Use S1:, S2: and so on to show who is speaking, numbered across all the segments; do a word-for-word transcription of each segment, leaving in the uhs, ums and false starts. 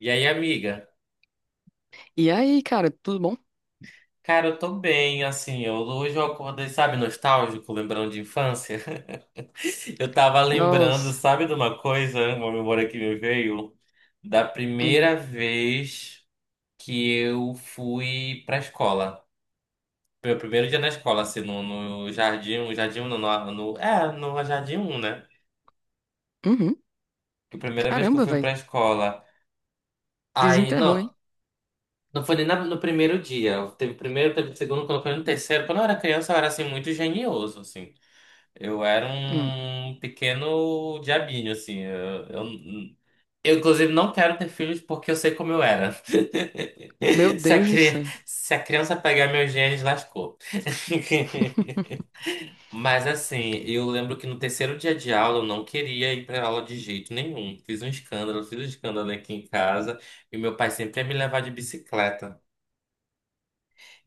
S1: E aí, amiga?
S2: E aí, cara, tudo bom?
S1: Cara, eu tô bem, assim, eu, hoje eu acordei, sabe, nostálgico, lembrando de infância. Eu tava lembrando,
S2: Nossa.
S1: sabe, de uma coisa, uma memória que me veio, da
S2: Hum.
S1: primeira vez que eu fui pra escola. Meu primeiro dia na escola, assim, no, no jardim, no jardim, um, no, no, no- é, no jardim um, né?
S2: Uhum.
S1: Que a primeira vez que eu
S2: Caramba,
S1: fui
S2: velho.
S1: pra escola. Aí,
S2: Desenterrou,
S1: não,
S2: hein?
S1: não foi nem na- no primeiro dia. Teve primeiro, teve segundo, quando foi no terceiro. Quando eu era criança, eu era, assim, muito genioso, assim. Eu era
S2: Hum.
S1: um pequeno diabinho, assim. Eu, eu, eu, inclusive, não quero ter filhos porque eu sei como eu era.
S2: Meu
S1: Se a,
S2: Deus do
S1: cri-
S2: céu.
S1: se a criança pegar meus genes, lascou. Mas, assim, eu lembro que no terceiro dia de aula eu não queria ir pra aula de jeito nenhum. Fiz um escândalo, fiz um escândalo aqui em casa e meu pai sempre ia me levar de bicicleta.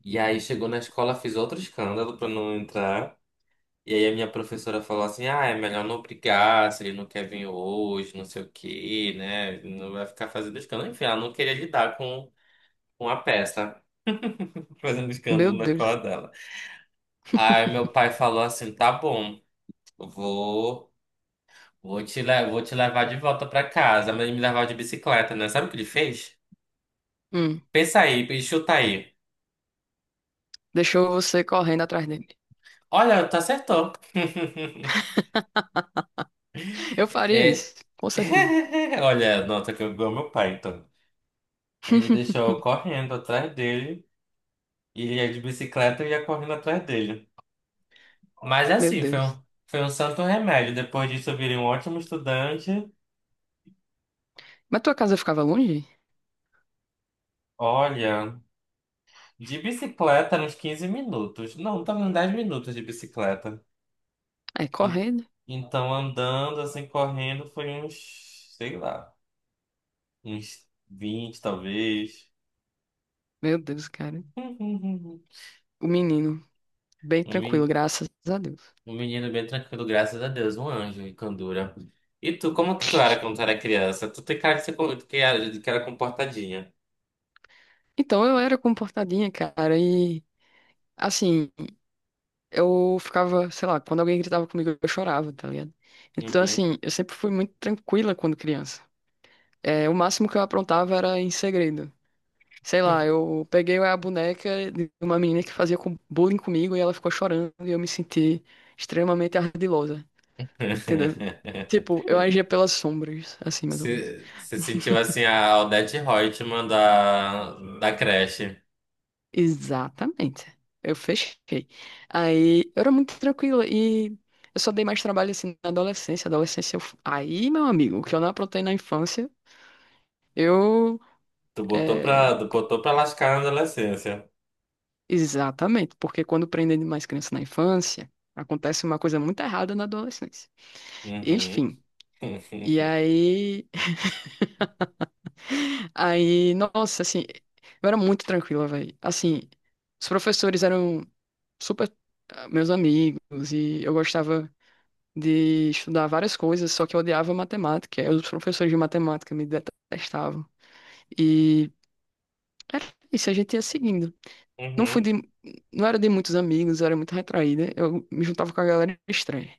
S1: E aí chegou na escola, fiz outro escândalo pra não entrar. E aí a minha professora falou assim, ah, é melhor não brigar, se ele não quer vir hoje, não sei o quê, né? Não vai ficar fazendo escândalo. Enfim, ela não queria lidar com, com a peça, fazendo
S2: Meu
S1: escândalo na escola
S2: Deus.
S1: dela. Aí meu pai falou assim, tá bom, eu vou, vou te, le- vou te levar de volta pra casa, mas ele me levar de bicicleta, né? Sabe o que ele fez?
S2: Hum.
S1: Pensa aí, e chuta aí.
S2: Deixou você correndo atrás dele.
S1: Olha, tu acertou.
S2: Eu faria
S1: É...
S2: isso, com certeza.
S1: Olha, nota que eu amo meu pai, então. Ele deixou eu correndo atrás dele. E ia de bicicleta e ia correndo atrás dele. Mas
S2: Meu
S1: assim, foi
S2: Deus.
S1: um, foi um santo remédio. Depois disso, eu virei um ótimo estudante.
S2: Mas tua casa ficava longe?
S1: Olha, de bicicleta eram uns quinze minutos. Não, tava uns dez minutos de bicicleta.
S2: Aí,
S1: En-
S2: correndo.
S1: Então, andando, assim, correndo, foi uns, sei lá, uns vinte talvez.
S2: Meu Deus, cara. O menino, bem
S1: Um
S2: tranquilo,
S1: men-
S2: graças a Deus.
S1: um menino bem tranquilo, graças a Deus, um anjo em candura. E tu, como que tu era quando tu era criança? Tu tem cara de ser co- que era, de que era comportadinha.
S2: Então eu era comportadinha, cara, e assim. Eu ficava, sei lá, quando alguém gritava comigo, eu chorava, tá ligado? Então,
S1: Uhum.
S2: assim, eu sempre fui muito tranquila quando criança. É, o máximo que eu aprontava era em segredo. Sei lá, eu peguei a boneca de uma menina que fazia com- bullying comigo e ela ficou chorando e eu me senti extremamente ardilosa, entendeu? Tipo, eu agia pelas sombras, assim, mais ou menos.
S1: Se, se sentiu assim a Odete Reutemann da, da creche.
S2: Exatamente. Eu fechei. Aí eu era muito tranquila e eu só dei mais trabalho assim na adolescência. Adolescência, eu... f- aí, meu amigo, o que eu não aprontei na infância, eu.
S1: Tu botou
S2: é,
S1: pra, tu botou pra lascar na adolescência.
S2: Exatamente, porque quando prendem demais criança na infância, acontece uma coisa muito errada na adolescência.
S1: Uhum.
S2: Enfim. E aí. Aí, nossa, assim, eu era muito tranquila, velho. Assim, os professores eram super ah, meus amigos e eu gostava de estudar várias coisas, só que eu odiava matemática. Aí os professores de matemática me detestavam. E era isso, a gente ia seguindo. Não fui
S1: Uhum.
S2: de, não era de muitos amigos, eu era muito retraída. Eu me juntava com a galera estranha.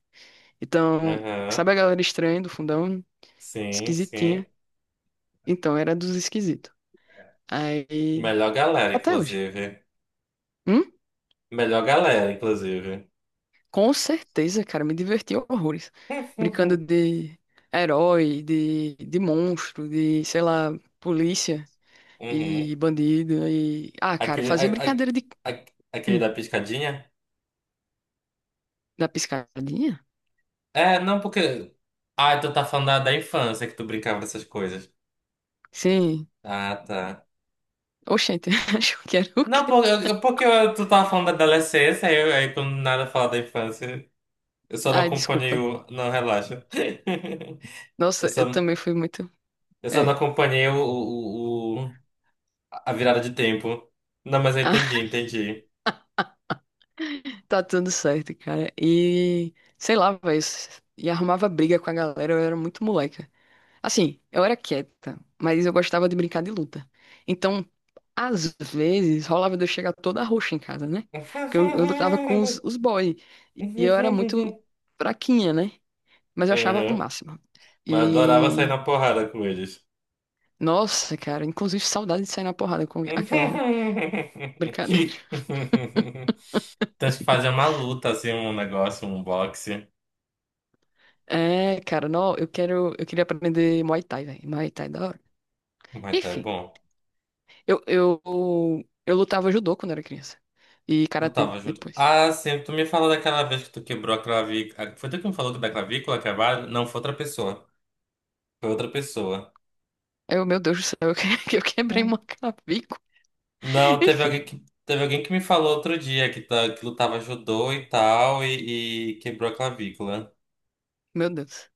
S2: Então,
S1: Uhum.
S2: sabe a galera estranha do fundão?
S1: Sim,
S2: Esquisitinha.
S1: sim.
S2: Então, era dos esquisitos. Aí,
S1: Melhor galera,
S2: até hoje.
S1: inclusive.
S2: Hum?
S1: Melhor galera, inclusive.
S2: Com certeza, cara, me diverti horrores. Brincando de herói, de, de monstro, de, sei lá, polícia
S1: Uhum.
S2: e bandido e ah, cara,
S1: Aquele,
S2: fazia
S1: a- a-
S2: brincadeira de
S1: a- aquele
S2: hum,
S1: da piscadinha?
S2: da piscadinha?
S1: É, não, porque. Ah, tu tá falando da, da infância que tu brincava dessas coisas.
S2: Sim.
S1: Ah, tá.
S2: Oxente, acho que era o
S1: Não,
S2: quê?
S1: por- eu- porque eu- tu tava falando da adolescência, aí, eu- aí quando nada fala da infância, eu só não
S2: Ai,
S1: acompanhei
S2: desculpa.
S1: o. Não, relaxa. Eu
S2: Nossa,
S1: só,
S2: eu também fui muito.
S1: eu só não
S2: É.
S1: acompanhei o, o- o- a virada de tempo. Não, mas eu entendi,
S2: Ah,
S1: entendi.
S2: tá tudo certo, cara. E sei lá, velho. E arrumava briga com a galera, eu era muito moleca. Assim, eu era quieta, mas eu gostava de brincar de luta. Então, às vezes, rolava de eu chegar toda roxa em casa, né? Porque eu, eu lutava com os, os boys. E eu era muito fraquinha, né? Mas eu achava o
S1: Uhum.
S2: máximo.
S1: Mas eu adorava sair
S2: E.
S1: na porrada com eles.
S2: Nossa, cara, inclusive saudade de sair na porrada com aquela já. Brincadeira.
S1: Tem que fazer uma luta, assim, um negócio, um boxe.
S2: É, cara, não, eu quero. Eu queria aprender Muay Thai, velho. Muay Thai é da hora.
S1: Mas tá é
S2: Enfim,
S1: bom.
S2: eu, eu, eu lutava judô quando era criança. E
S1: Tu
S2: karatê
S1: tava junto.
S2: depois.
S1: Ah, sim, tu me falou daquela vez que tu quebrou a clavícula. ah, Foi tu que me falou da clavícula quebrada? Não, foi outra pessoa. Foi outra pessoa.
S2: Aí eu, meu Deus do céu, eu, que- eu quebrei
S1: Hum.
S2: uma clavícula.
S1: Não, teve
S2: Enfim,
S1: alguém que, teve alguém que me falou outro dia que, tá, que lutava judô e tal e, e quebrou a clavícula.
S2: meu Deus.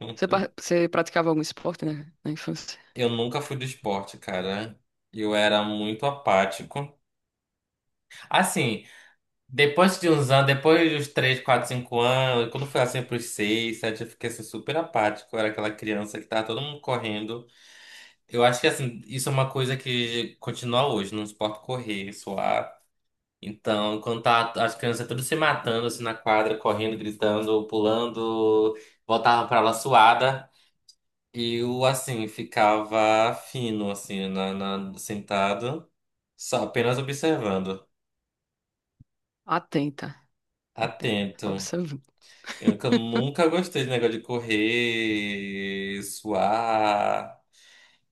S1: Hum.
S2: Você, pa- você praticava algum esporte na, na infância?
S1: Eu nunca fui do esporte, cara. Eu era muito apático. Assim, depois de uns anos, depois dos três quatro cinco anos, quando foi assim pros seis sete eu fiquei assim, super apático. Eu era aquela criança que tava todo mundo correndo. Eu acho que assim, isso é uma coisa que continua hoje, não suporta correr, suar. Então, quando tá as crianças todas se matando assim na quadra, correndo, gritando, pulando, voltavam pra aula suada, eu assim ficava fino assim na, na- sentado, só apenas observando,
S2: Atenta, atenta.
S1: atento.
S2: Observando.
S1: Eu nunca nunca gostei de negócio de correr, suar.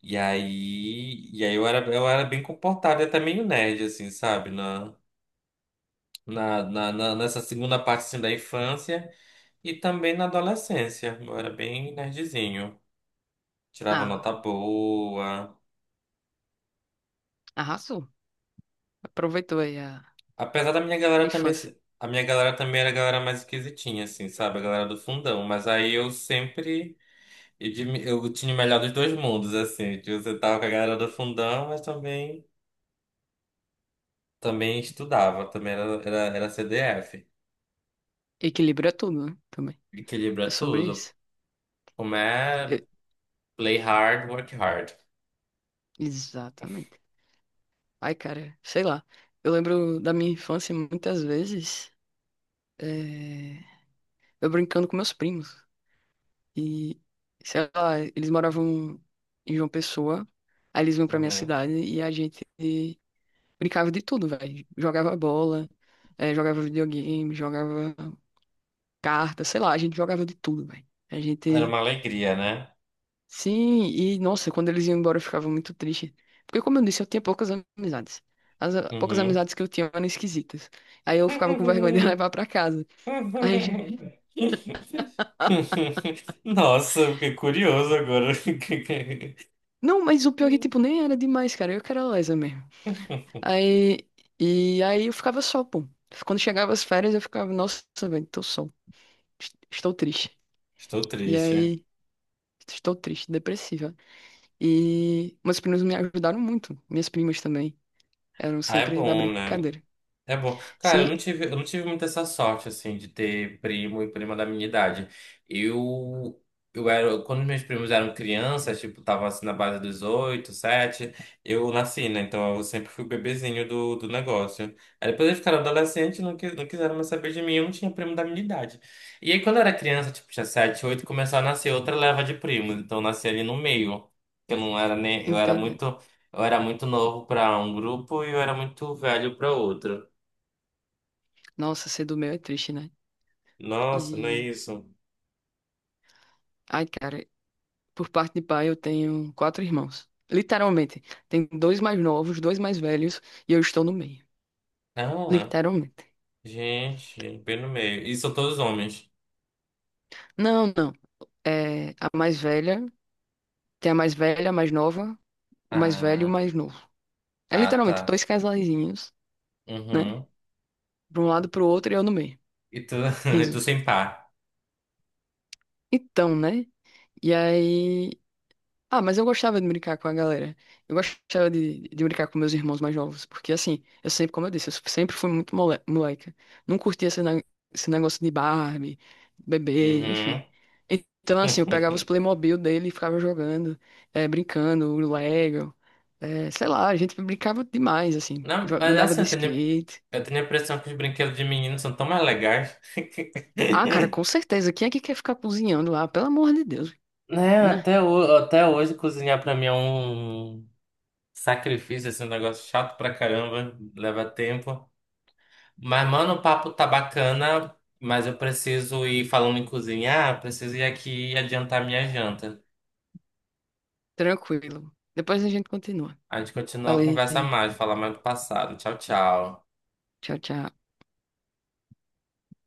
S1: E aí, e aí eu era, eu era bem comportado e até meio nerd, assim, sabe? Na, na, na, na- nessa segunda parte, assim, da infância e também na adolescência. Eu era bem nerdzinho. Tirava nota
S2: Ah,
S1: boa.
S2: arrasou. Aproveitou aí a,
S1: Apesar da minha
S2: a
S1: galera também...
S2: infância.
S1: se- A minha galera também era a galera mais esquisitinha, assim, sabe? A galera do fundão. Mas aí eu sempre. E de, eu tinha o melhor dos dois mundos, assim. Que você tava com a galera do fundão, mas também, também estudava, também era, era, era C D F.
S2: Equilíbrio é tudo, né? Também. É
S1: Equilibra
S2: sobre
S1: tudo.
S2: isso.
S1: Como é
S2: Eu-
S1: play hard, work hard.
S2: Exatamente. Ai, cara, sei lá. Eu lembro da minha infância muitas vezes, eh, eu brincando com meus primos. E, sei lá, eles moravam em João Pessoa, aí eles vinham pra minha
S1: Uhum.
S2: cidade e a gente brincava de tudo, velho. Jogava bola, eh, jogava videogame, jogava carta, sei lá, a gente jogava de tudo, velho. A
S1: Era uma
S2: gente.
S1: alegria, né?
S2: Sim, e nossa, quando eles iam embora eu ficava muito triste. Porque, como eu disse, eu tinha poucas amizades. As ah, poucas
S1: Uhum.
S2: amizades que eu tinha eram esquisitas. Aí eu ficava com vergonha de levar pra casa. Aí...
S1: Nossa, eu fiquei curioso agora.
S2: Não, mas o pior é que, tipo, nem era demais, cara. Eu que era lesa mesmo. Aí... E aí eu ficava só, pô. Quando chegava as férias, eu ficava, nossa, velho, tô só. Est- Estou triste.
S1: Estou
S2: E
S1: triste.
S2: aí, estou triste, depressiva. E meus primos me ajudaram muito. Minhas primas também. Eram
S1: Ah, é
S2: sempre da
S1: bom, né?
S2: brincadeira.
S1: É bom. Cara, eu
S2: Se
S1: não tive, eu não tive muita essa sorte, assim, de ter primo e prima da minha idade. Eu, eu era, quando meus primos eram crianças, tipo, tava assim na base dos oito, sete, eu nasci, né? Então eu sempre fui o bebezinho do, do negócio. Aí depois eles ficaram adolescentes, não, quis- não quiseram mais saber de mim, eu não tinha primo da minha idade. E aí quando eu era criança, tipo, tinha sete, oito, começou a nascer outra leva de primos. Então eu nasci ali no meio. Eu não era nem, eu era
S2: entende?
S1: muito, eu era muito novo para um grupo e eu era muito velho para outro.
S2: Nossa, ser do meu é triste, né?
S1: Nossa, não é
S2: E.
S1: isso.
S2: Ai, cara, por parte de pai eu tenho quatro irmãos. Literalmente. Tem dois mais novos, dois mais velhos e eu estou no meio.
S1: Ah,
S2: Literalmente.
S1: gente, bem no meio. E são todos homens.
S2: Não, não. É a mais velha, tem a mais velha, a mais nova, o mais velho e o
S1: Ah,
S2: mais novo. É
S1: ah,
S2: literalmente
S1: tá.
S2: dois casalzinhos, né?
S1: Uhum.
S2: De um lado pro outro e eu no meio.
S1: E tu, e tu
S2: Risos.
S1: sem par.
S2: Então, né? E aí. Ah, mas eu gostava de brincar com a galera. Eu gostava de, de brincar com meus irmãos mais novos. Porque, assim, eu sempre, como eu disse, eu sempre fui muito mole- moleca. Não curtia esse, ne- esse negócio de Barbie, bebê,
S1: Uhum.
S2: enfim. Então, assim, eu pegava os Playmobil dele e ficava jogando, eh, brincando, o Lego. Eh, sei lá, a gente brincava demais, assim. Jo-
S1: Não, mas é
S2: Andava
S1: assim,
S2: de
S1: eu tenho,
S2: skate.
S1: eu tenho a impressão que os brinquedos de menino são tão mais legais.
S2: Ah, cara, com certeza. Quem é que quer ficar cozinhando lá? Pelo amor de Deus,
S1: Né,
S2: né?
S1: até, ho- até hoje cozinhar pra mim é um sacrifício, assim, um negócio chato pra caramba, leva tempo. Mas, mano, o papo tá bacana, mas eu preciso ir falando em cozinhar, preciso ir aqui e adiantar minha janta.
S2: Tranquilo. Depois a gente continua.
S1: A gente continua a
S2: Falei.
S1: conversa mais, falar mais do passado. Tchau, tchau.
S2: Tchau, tchau.